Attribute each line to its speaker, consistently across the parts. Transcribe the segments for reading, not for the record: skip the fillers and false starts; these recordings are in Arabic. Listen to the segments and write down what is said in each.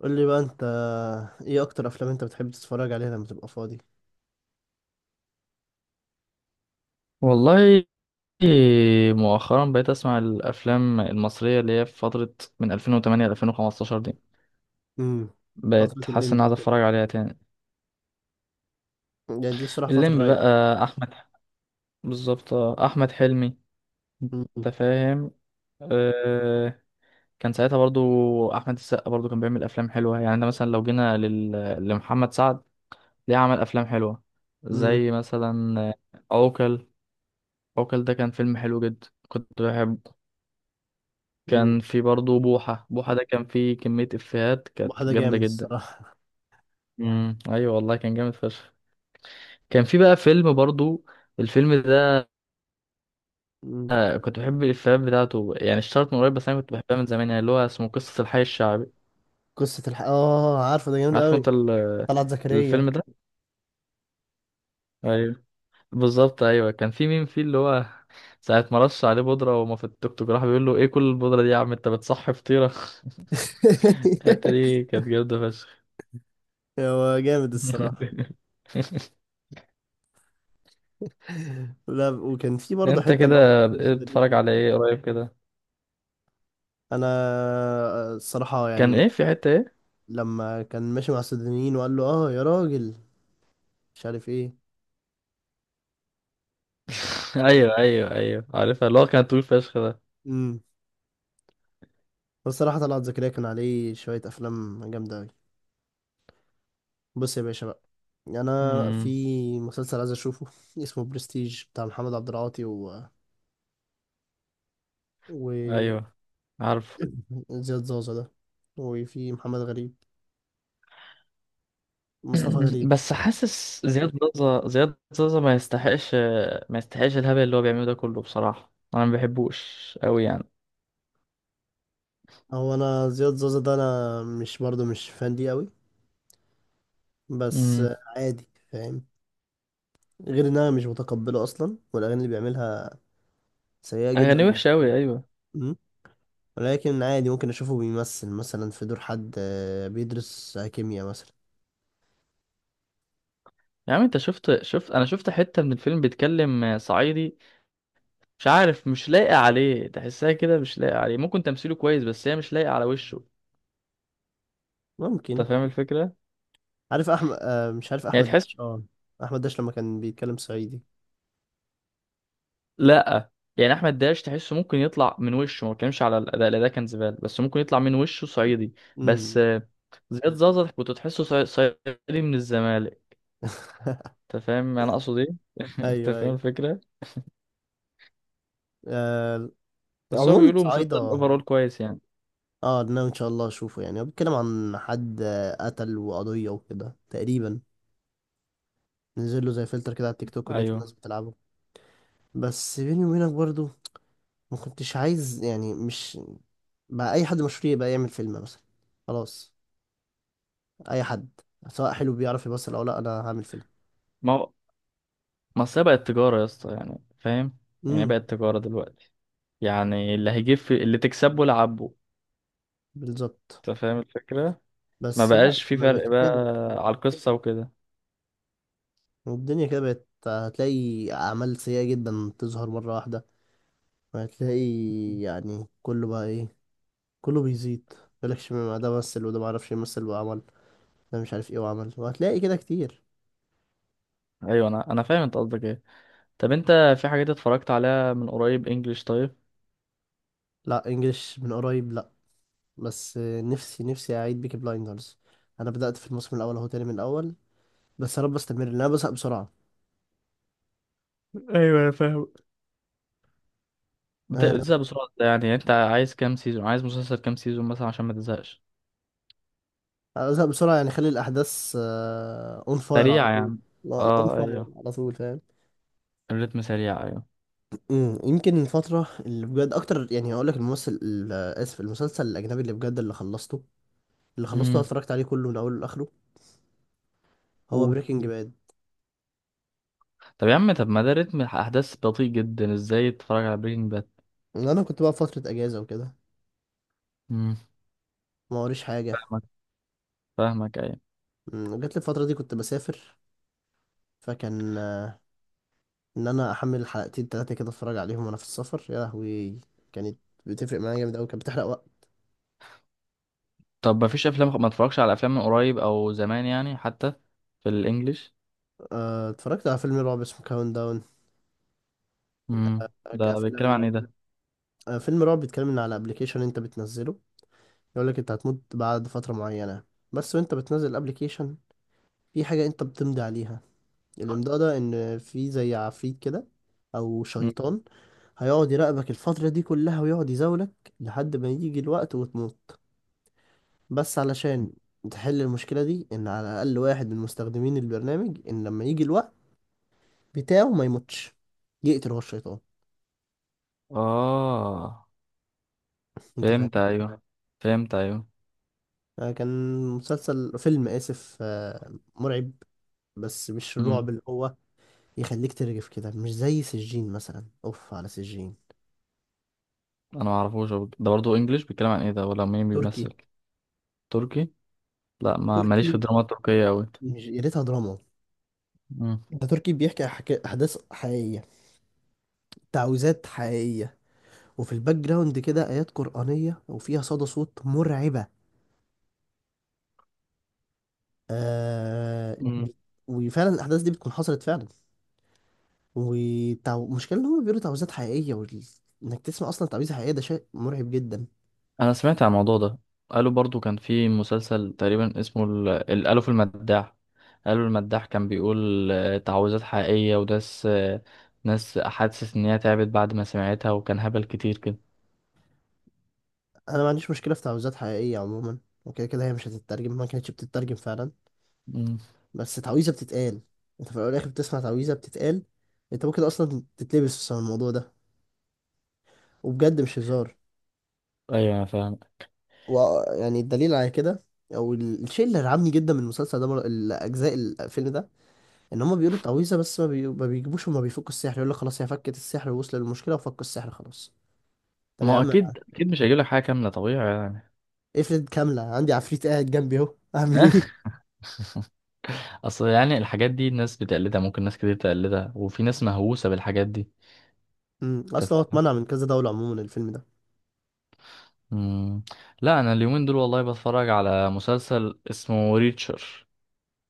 Speaker 1: قول لي بقى انت، ايه اكتر افلام انت بتحب تتفرج عليها لما تبقى فاضي؟
Speaker 2: والله، مؤخرا بقيت اسمع الافلام المصريه اللي هي في فتره من 2008 ل 2015 دي.
Speaker 1: امم. فترة
Speaker 2: بقيت حاسس ان
Speaker 1: الليمبي
Speaker 2: عايز
Speaker 1: وكده.
Speaker 2: اتفرج عليها تاني.
Speaker 1: يعني دي الصراحة فترة
Speaker 2: الليمبي
Speaker 1: رايقة.
Speaker 2: بقى احمد، بالظبط. احمد حلمي.
Speaker 1: امم.
Speaker 2: انت فاهم؟ أه. كان ساعتها برضو احمد السقا برضو كان بيعمل افلام حلوه. يعني ده مثلا لو جينا لمحمد سعد، ليه عمل افلام حلوه
Speaker 1: امم.
Speaker 2: زي مثلا عوكل. عوكل ده كان فيلم حلو جدا كنت بحبه.
Speaker 1: امم
Speaker 2: كان في برضه بوحة. بوحة ده كان فيه كمية إفيهات كانت
Speaker 1: واحدة
Speaker 2: جامدة
Speaker 1: جامد
Speaker 2: جدا.
Speaker 1: الصراحة.
Speaker 2: امم. أيوة، والله كان جامد فشخ. كان في بقى فيلم برضه، الفيلم ده.
Speaker 1: امم.
Speaker 2: كنت بحب الإفيهات بتاعته. يعني اشتهرت من قريب بس أنا كنت بحبها من زمان. يعني اللي هو اسمه قصة الحي الشعبي.
Speaker 1: قصة اه، عارفه. ده جامد
Speaker 2: عارفه
Speaker 1: قوي.
Speaker 2: أنت
Speaker 1: طلعت زكريا.
Speaker 2: الفيلم ده؟ أيوة، بالظبط. أيوة كان في مين فيه، اللي هو ساعة ما رش عليه بودرة وما في التوك توك، راح بيقول له: إيه كل البودرة دي يا عم؟ أنت بتصحي فطيرة. الحتة دي كانت جامدة فشخ.
Speaker 1: هو جامد الصراحة. لا، وكان في برضه
Speaker 2: انت
Speaker 1: حتة اللي هو لما
Speaker 2: كده
Speaker 1: كنا السودانيين
Speaker 2: بتتفرج على
Speaker 1: بيه.
Speaker 2: ايه قريب كده؟
Speaker 1: انا، الصراحة
Speaker 2: كان
Speaker 1: يعني.
Speaker 2: ايه، في حتة ايه؟
Speaker 1: لما كان ماشي مع السودانيين وقال له اه يا راجل، مش عارف ايه.
Speaker 2: ايوه ايوه ايوه، عارفها اللي هو كان طويل فشخ ده.
Speaker 1: مم. الصراحة طلعت زكريا كان عليه شوية أفلام جامدة أوي. بص يا باشا بقى، أنا في
Speaker 2: امم،
Speaker 1: مسلسل عايز أشوفه. اسمه برستيج بتاع محمد عبد العاطي و
Speaker 2: ايوه عارفه.
Speaker 1: زياد زازا ده. وفي محمد غريب، مصطفى غريب.
Speaker 2: بس حاسس زياد زازا زياد زازا ما يستحقش الهبل اللي هو بيعمله ده كله، بصراحة انا ما بحبوش قوي يعني.
Speaker 1: هو أنا زياد زازا ده، أنا مش، برضه مش فان ليه أوي، بس.
Speaker 2: امم،
Speaker 1: عادي فاهم، غير إن أنا مش متقبله أصلا، والأغاني اللي بيعملها سيئة جدا
Speaker 2: اغاني
Speaker 1: بالنسبة
Speaker 2: وحشة
Speaker 1: لي.
Speaker 2: قوي، ايوه.
Speaker 1: مم. ولكن عادي، ممكن أشوفه بيمثل مثلا في دور حد، بيدرس كيمياء مثلا.
Speaker 2: يا عم انت شفت انا شفت حتة من الفيلم بيتكلم صعيدي. مش عارف، مش لايقة عليه. تحسها كده مش لايقة عليه. ممكن تمثيله كويس بس هي مش لايقة على وشه. انت
Speaker 1: ممكن.
Speaker 2: فاهم الفكرة؟
Speaker 1: عارف احمد، مش عارف
Speaker 2: يعني
Speaker 1: احمد
Speaker 2: تحس.
Speaker 1: داش. اه، احمد داش لما كان بيتكلم صعيدي.
Speaker 2: لا، يعني احمد داش تحسه ممكن يطلع من وشه. ما بتكلمش على الاداء، الاداء كان زباله، بس ممكن يطلع من وشه صعيدي. بس
Speaker 1: امم.
Speaker 2: زياد زازا كنت تحسه صعيدي من الزمالك. انت فاهم انا اقصد ايه؟ انت
Speaker 1: ايوه،
Speaker 2: فاهم
Speaker 1: ايوه.
Speaker 2: الفكره؟
Speaker 1: آه.
Speaker 2: بس هو
Speaker 1: عموما
Speaker 2: بيقولوا مسلسل
Speaker 1: صعيدة.
Speaker 2: اوفرول كويس يعني.
Speaker 1: اه، ناوي ان شاء الله اشوفه. يعني هو بيتكلم عن حد، قتل وقضية وكده تقريبا. نزل له زي فلتر كده على التيك توك ولقيت الناس
Speaker 2: ايوه.
Speaker 1: بتلعبه. بس بيني وبينك برضو، ما كنتش عايز يعني، مش، بقى اي حد مشهور يبقى يعمل فيلم مثلا. خلاص، اي حد، سواء حلو بيعرف يمثل او لا، انا هعمل فيلم.
Speaker 2: ما هو، ما أصل هي بقت تجاره يا اسطى، يعني فاهم. يعني
Speaker 1: امم.
Speaker 2: بقت تجاره دلوقتي. يعني اللي هيجيب اللي تكسبه لعبه.
Speaker 1: بالظبط.
Speaker 2: انت فاهم الفكره؟ ما
Speaker 1: بس لا،
Speaker 2: بقاش في
Speaker 1: ما
Speaker 2: فرق
Speaker 1: بقتش
Speaker 2: بقى
Speaker 1: كده.
Speaker 2: على القصه وكده.
Speaker 1: الدنيا كده بقت، هتلاقي أعمال سيئة جدا تظهر مرة واحدة، وهتلاقي يعني كله بقى إيه، كله بيزيد. مالكش، ما ده مثل وده معرفش يمثل وعمل، ده مش عارف إيه وعمل، وهتلاقي كده كتير.
Speaker 2: ايوه، انا فاهم انت قصدك ايه. طب انت، في حاجات اتفرجت عليها من قريب انجلش؟ طيب.
Speaker 1: لا، إنجلش من قريب لا. بس نفسي نفسي أعيد بيكي بلايندرز. أنا بدأت في الموسم الأول أهو تاني من الأول. بس يا رب أستمر لأن أنا بزهق بسرعة.
Speaker 2: ايوه انا فاهم.
Speaker 1: آه،
Speaker 2: بتزهق بسرعة ده؟ يعني انت عايز كام سيزون، عايز مسلسل كام سيزون مثلا عشان ما تزهقش؟
Speaker 1: أنا بزهق بسرعة يعني، خلي الأحداث أون فاير على
Speaker 2: سريع يا
Speaker 1: طول.
Speaker 2: عم.
Speaker 1: لا، لا، أون
Speaker 2: اه،
Speaker 1: فاير
Speaker 2: ايوه
Speaker 1: على طول، فاهم.
Speaker 2: الريتم سريع، ايوه.
Speaker 1: يمكن الفترة اللي بجد أكتر، يعني هقول لك الممثل آسف، المسلسل الأجنبي اللي بجد اللي خلصته أنا
Speaker 2: امم،
Speaker 1: اتفرجت عليه كله من أوله لآخره، هو
Speaker 2: قول.
Speaker 1: بريكنج باد.
Speaker 2: طب يا عم، طب ما ده رتم احداث بطيء جدا، ازاي تتفرج على برينج باد؟
Speaker 1: أنا كنت بقى في فترة أجازة وكده.
Speaker 2: امم،
Speaker 1: ما وريش حاجة.
Speaker 2: فاهمك. فاهمك ايوه.
Speaker 1: جات لي الفترة دي كنت بسافر. فكان إن أنا أحمل حلقتين تلاتة كده أتفرج عليهم وأنا في السفر. يا لهوي كانت بتفرق معايا جامد أوي، كانت بتحرق وقت.
Speaker 2: طب ما فيش افلام، ما اتفرجش على افلام من قريب او زمان يعني حتى في الانجليش؟
Speaker 1: اتفرجت على فيلم رعب اسمه كاونت داون.
Speaker 2: امم، ده بيتكلم عن
Speaker 1: كأفلام،
Speaker 2: ايه ده؟
Speaker 1: فيلم رعب بيتكلم إن على أبلكيشن أنت بتنزله، يقول لك انت هتموت بعد فترة معينة. بس وانت بتنزل الابليكيشن، في حاجة انت بتمضي عليها. الامضاء ده ان في زي عفريت كده، او
Speaker 2: مم.
Speaker 1: شيطان. هيقعد يراقبك الفترة دي كلها ويقعد يزاولك لحد ما يجي الوقت وتموت. بس علشان تحل المشكلة دي، ان على الاقل واحد من مستخدمين البرنامج، ان لما يجي الوقت بتاعه ما يموتش، يقتل هو الشيطان.
Speaker 2: اه،
Speaker 1: انت
Speaker 2: فهمت
Speaker 1: فاهم.
Speaker 2: ايوه. فهمت ايوه.
Speaker 1: كان مسلسل، فيلم، اسف، مرعب. بس مش
Speaker 2: مم.
Speaker 1: الرعب اللي هو يخليك ترجف كده، مش زي سجين مثلا. اوف على سجين.
Speaker 2: انا ما اعرفوش. هو ده برضه انجليش؟ بيتكلم عن ايه ده، ولا مين
Speaker 1: تركي.
Speaker 2: بيمثل؟ تركي؟ لا، ما ماليش في
Speaker 1: تركي،
Speaker 2: الدراما التركية قوي.
Speaker 1: مش يا ريتها دراما.
Speaker 2: مم.
Speaker 1: ده تركي بيحكي احداث حقيقيه، تعويذات حقيقيه. وفي الباك جراوند كده ايات قرانيه وفيها صدى صوت مرعبه. آه
Speaker 2: مم.
Speaker 1: بي... وفعلا الاحداث دي بتكون حصلت فعلا. والمشكله ان هم بيقولوا تعويذات حقيقيه، انك تسمع اصلا تعويذه حقيقيه، ده شيء مرعب جدا.
Speaker 2: انا سمعت عن الموضوع ده. قالوا برضه كان في مسلسل تقريبا اسمه الالف المداح. قالوا المداح كان بيقول تعويذات حقيقية، وناس ناس حاسس ان هي تعبت بعد ما سمعتها، وكان هبل كتير كده.
Speaker 1: انا ما عنديش مشكله في تعويذات حقيقيه عموما. وكده كده هي مش هتترجم، ما كانتش بتترجم فعلا.
Speaker 2: مم.
Speaker 1: بس تعويذة بتتقال، انت في الاول والاخر بتسمع تعويذة بتتقال. انت ممكن اصلا تتلبس بسبب الموضوع ده، وبجد مش هزار.
Speaker 2: ايوه انا فاهم.
Speaker 1: ويعني الدليل على كده، او الشيء اللي رعبني جدا من المسلسل ده، الاجزاء، الفيلم ده، ان هما بيقولوا التعويذة، بس ما بيجيبوش وما بيفكوا السحر. يقول لك خلاص هي فكت السحر، ووصل للمشكلة وفكوا السحر خلاص. طب
Speaker 2: ما
Speaker 1: يا
Speaker 2: هو
Speaker 1: عم انا
Speaker 2: اكيد اكيد مش هيجيب لك حاجه كامله، طبيعي يعني.
Speaker 1: افرض كاملة، عندي عفريت قاعد جنبي اهو اعمل ايه؟
Speaker 2: اصل يعني الحاجات دي الناس بتقلدها. ممكن ناس كتير تقلدها، وفي ناس مهووسه بالحاجات دي. انت
Speaker 1: اصلا هو
Speaker 2: فاهم؟
Speaker 1: اتمنع من كذا دولة عموما الفيلم ده.
Speaker 2: مم. لا، انا اليومين دول والله بتفرج على مسلسل اسمه ريتشر.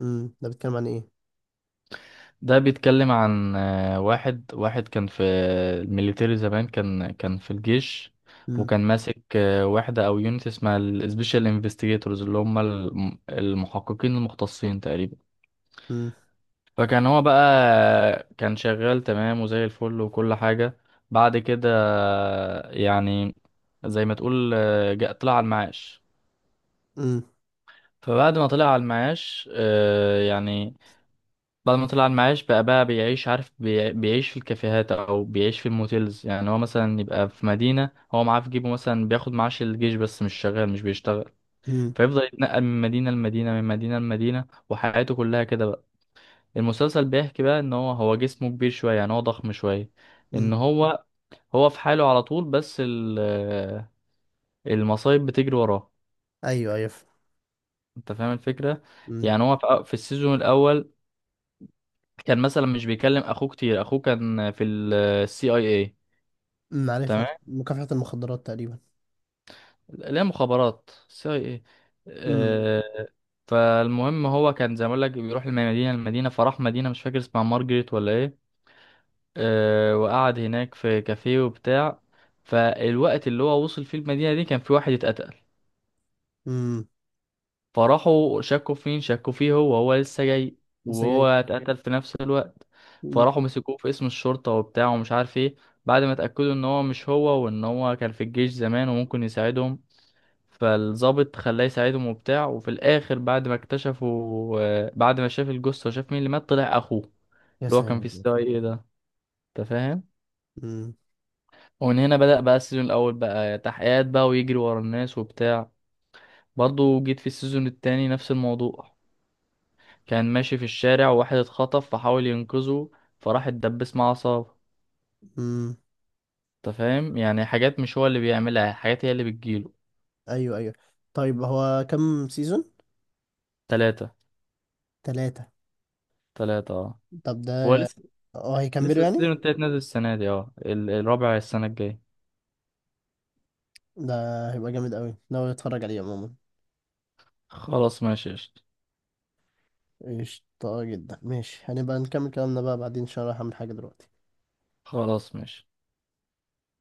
Speaker 1: ده بيتكلم عن ايه؟
Speaker 2: ده بيتكلم عن واحد كان في الميليتري زمان. كان في الجيش.
Speaker 1: امم.
Speaker 2: وكان ماسك وحدة او يونت اسمها السبيشال انفستيجيتورز، اللي هم المحققين المختصين تقريبا.
Speaker 1: امم.
Speaker 2: فكان هو بقى، كان شغال تمام وزي الفل وكل حاجة. بعد كده يعني زي ما تقول جاء طلع على المعاش.
Speaker 1: امم.
Speaker 2: فبعد ما طلع على المعاش يعني، بعد ما طلع على المعاش بقى بيعيش، عارف، بيعيش في الكافيهات او بيعيش في الموتيلز. يعني هو مثلا يبقى في مدينة، هو معاه في جيبه مثلا بياخد معاش الجيش بس مش شغال، مش بيشتغل. فيفضل يتنقل من مدينة لمدينة، من مدينة لمدينة، وحياته كلها كده بقى. المسلسل بيحكي بقى ان هو جسمه كبير شوية، يعني هو ضخم شوية. ان
Speaker 1: امم.
Speaker 2: هو في حاله على طول، بس المصايب بتجري وراه.
Speaker 1: ايوه، ايوه.
Speaker 2: انت فاهم الفكرة؟ يعني هو في السيزون الاول كان مثلا مش بيكلم اخوه كتير. اخوه كان في السي اي اي.
Speaker 1: عارفها
Speaker 2: تمام.
Speaker 1: مكافحة المخدرات تقريبا.
Speaker 2: لا، مخابرات سي اي اي.
Speaker 1: امم.
Speaker 2: آه، فالمهم هو كان زي ما اقول لك بيروح من مدينه لمدينه. فراح مدينه مش فاكر اسمها مارجريت ولا ايه. وقعد هناك في كافيه وبتاع. فالوقت اللي هو وصل فيه المدينه دي كان في واحد اتقتل.
Speaker 1: امم.
Speaker 2: فراحوا شكوا في مين، شكوا فيه هو. هو لسه جاي، وهو
Speaker 1: السجاير.
Speaker 2: اتقتل في نفس الوقت.
Speaker 1: أمم.
Speaker 2: فراحوا مسكوه في اسم الشرطة وبتاع ومش عارف ايه. بعد ما اتأكدوا ان هو مش هو، وان هو كان في الجيش زمان وممكن يساعدهم، فالضابط خلاه يساعدهم وبتاع. وفي الاخر بعد ما اكتشفوا بعد ما شاف الجثة وشاف مين اللي مات، طلع اخوه
Speaker 1: يا
Speaker 2: اللي هو كان في
Speaker 1: ساتر.
Speaker 2: السي اي ايه ده. انت فاهم؟
Speaker 1: امم.
Speaker 2: ومن هنا بدأ بقى السيزون الاول، بقى تحقيقات بقى ويجري ورا الناس وبتاع. برضه جيت في السيزون التاني نفس الموضوع. كان ماشي في الشارع وواحد اتخطف فحاول ينقذه، فراح اتدبس مع عصابة.
Speaker 1: امم.
Speaker 2: انت فاهم؟ يعني حاجات مش هو اللي بيعملها، حاجات هي اللي بتجيله.
Speaker 1: ايوه، ايوه. طيب هو كم سيزون؟
Speaker 2: تلاتة.
Speaker 1: ثلاثة.
Speaker 2: تلاتة اه.
Speaker 1: طب ده.
Speaker 2: هو لسه.
Speaker 1: اه، هيكملوا
Speaker 2: لسه
Speaker 1: يعني.
Speaker 2: السيزون التالت نازل السنة دي. اه، الرابع السنة الجاية.
Speaker 1: ده هيبقى جامد قوي، ناوي اتفرج عليه عموما.
Speaker 2: خلاص ماشي قشطة.
Speaker 1: قشطة جدا، ماشي. هنبقى نكمل كلامنا بقى بعدين عشان رايح اعمل حاجة دلوقتي.
Speaker 2: خلاص ماشي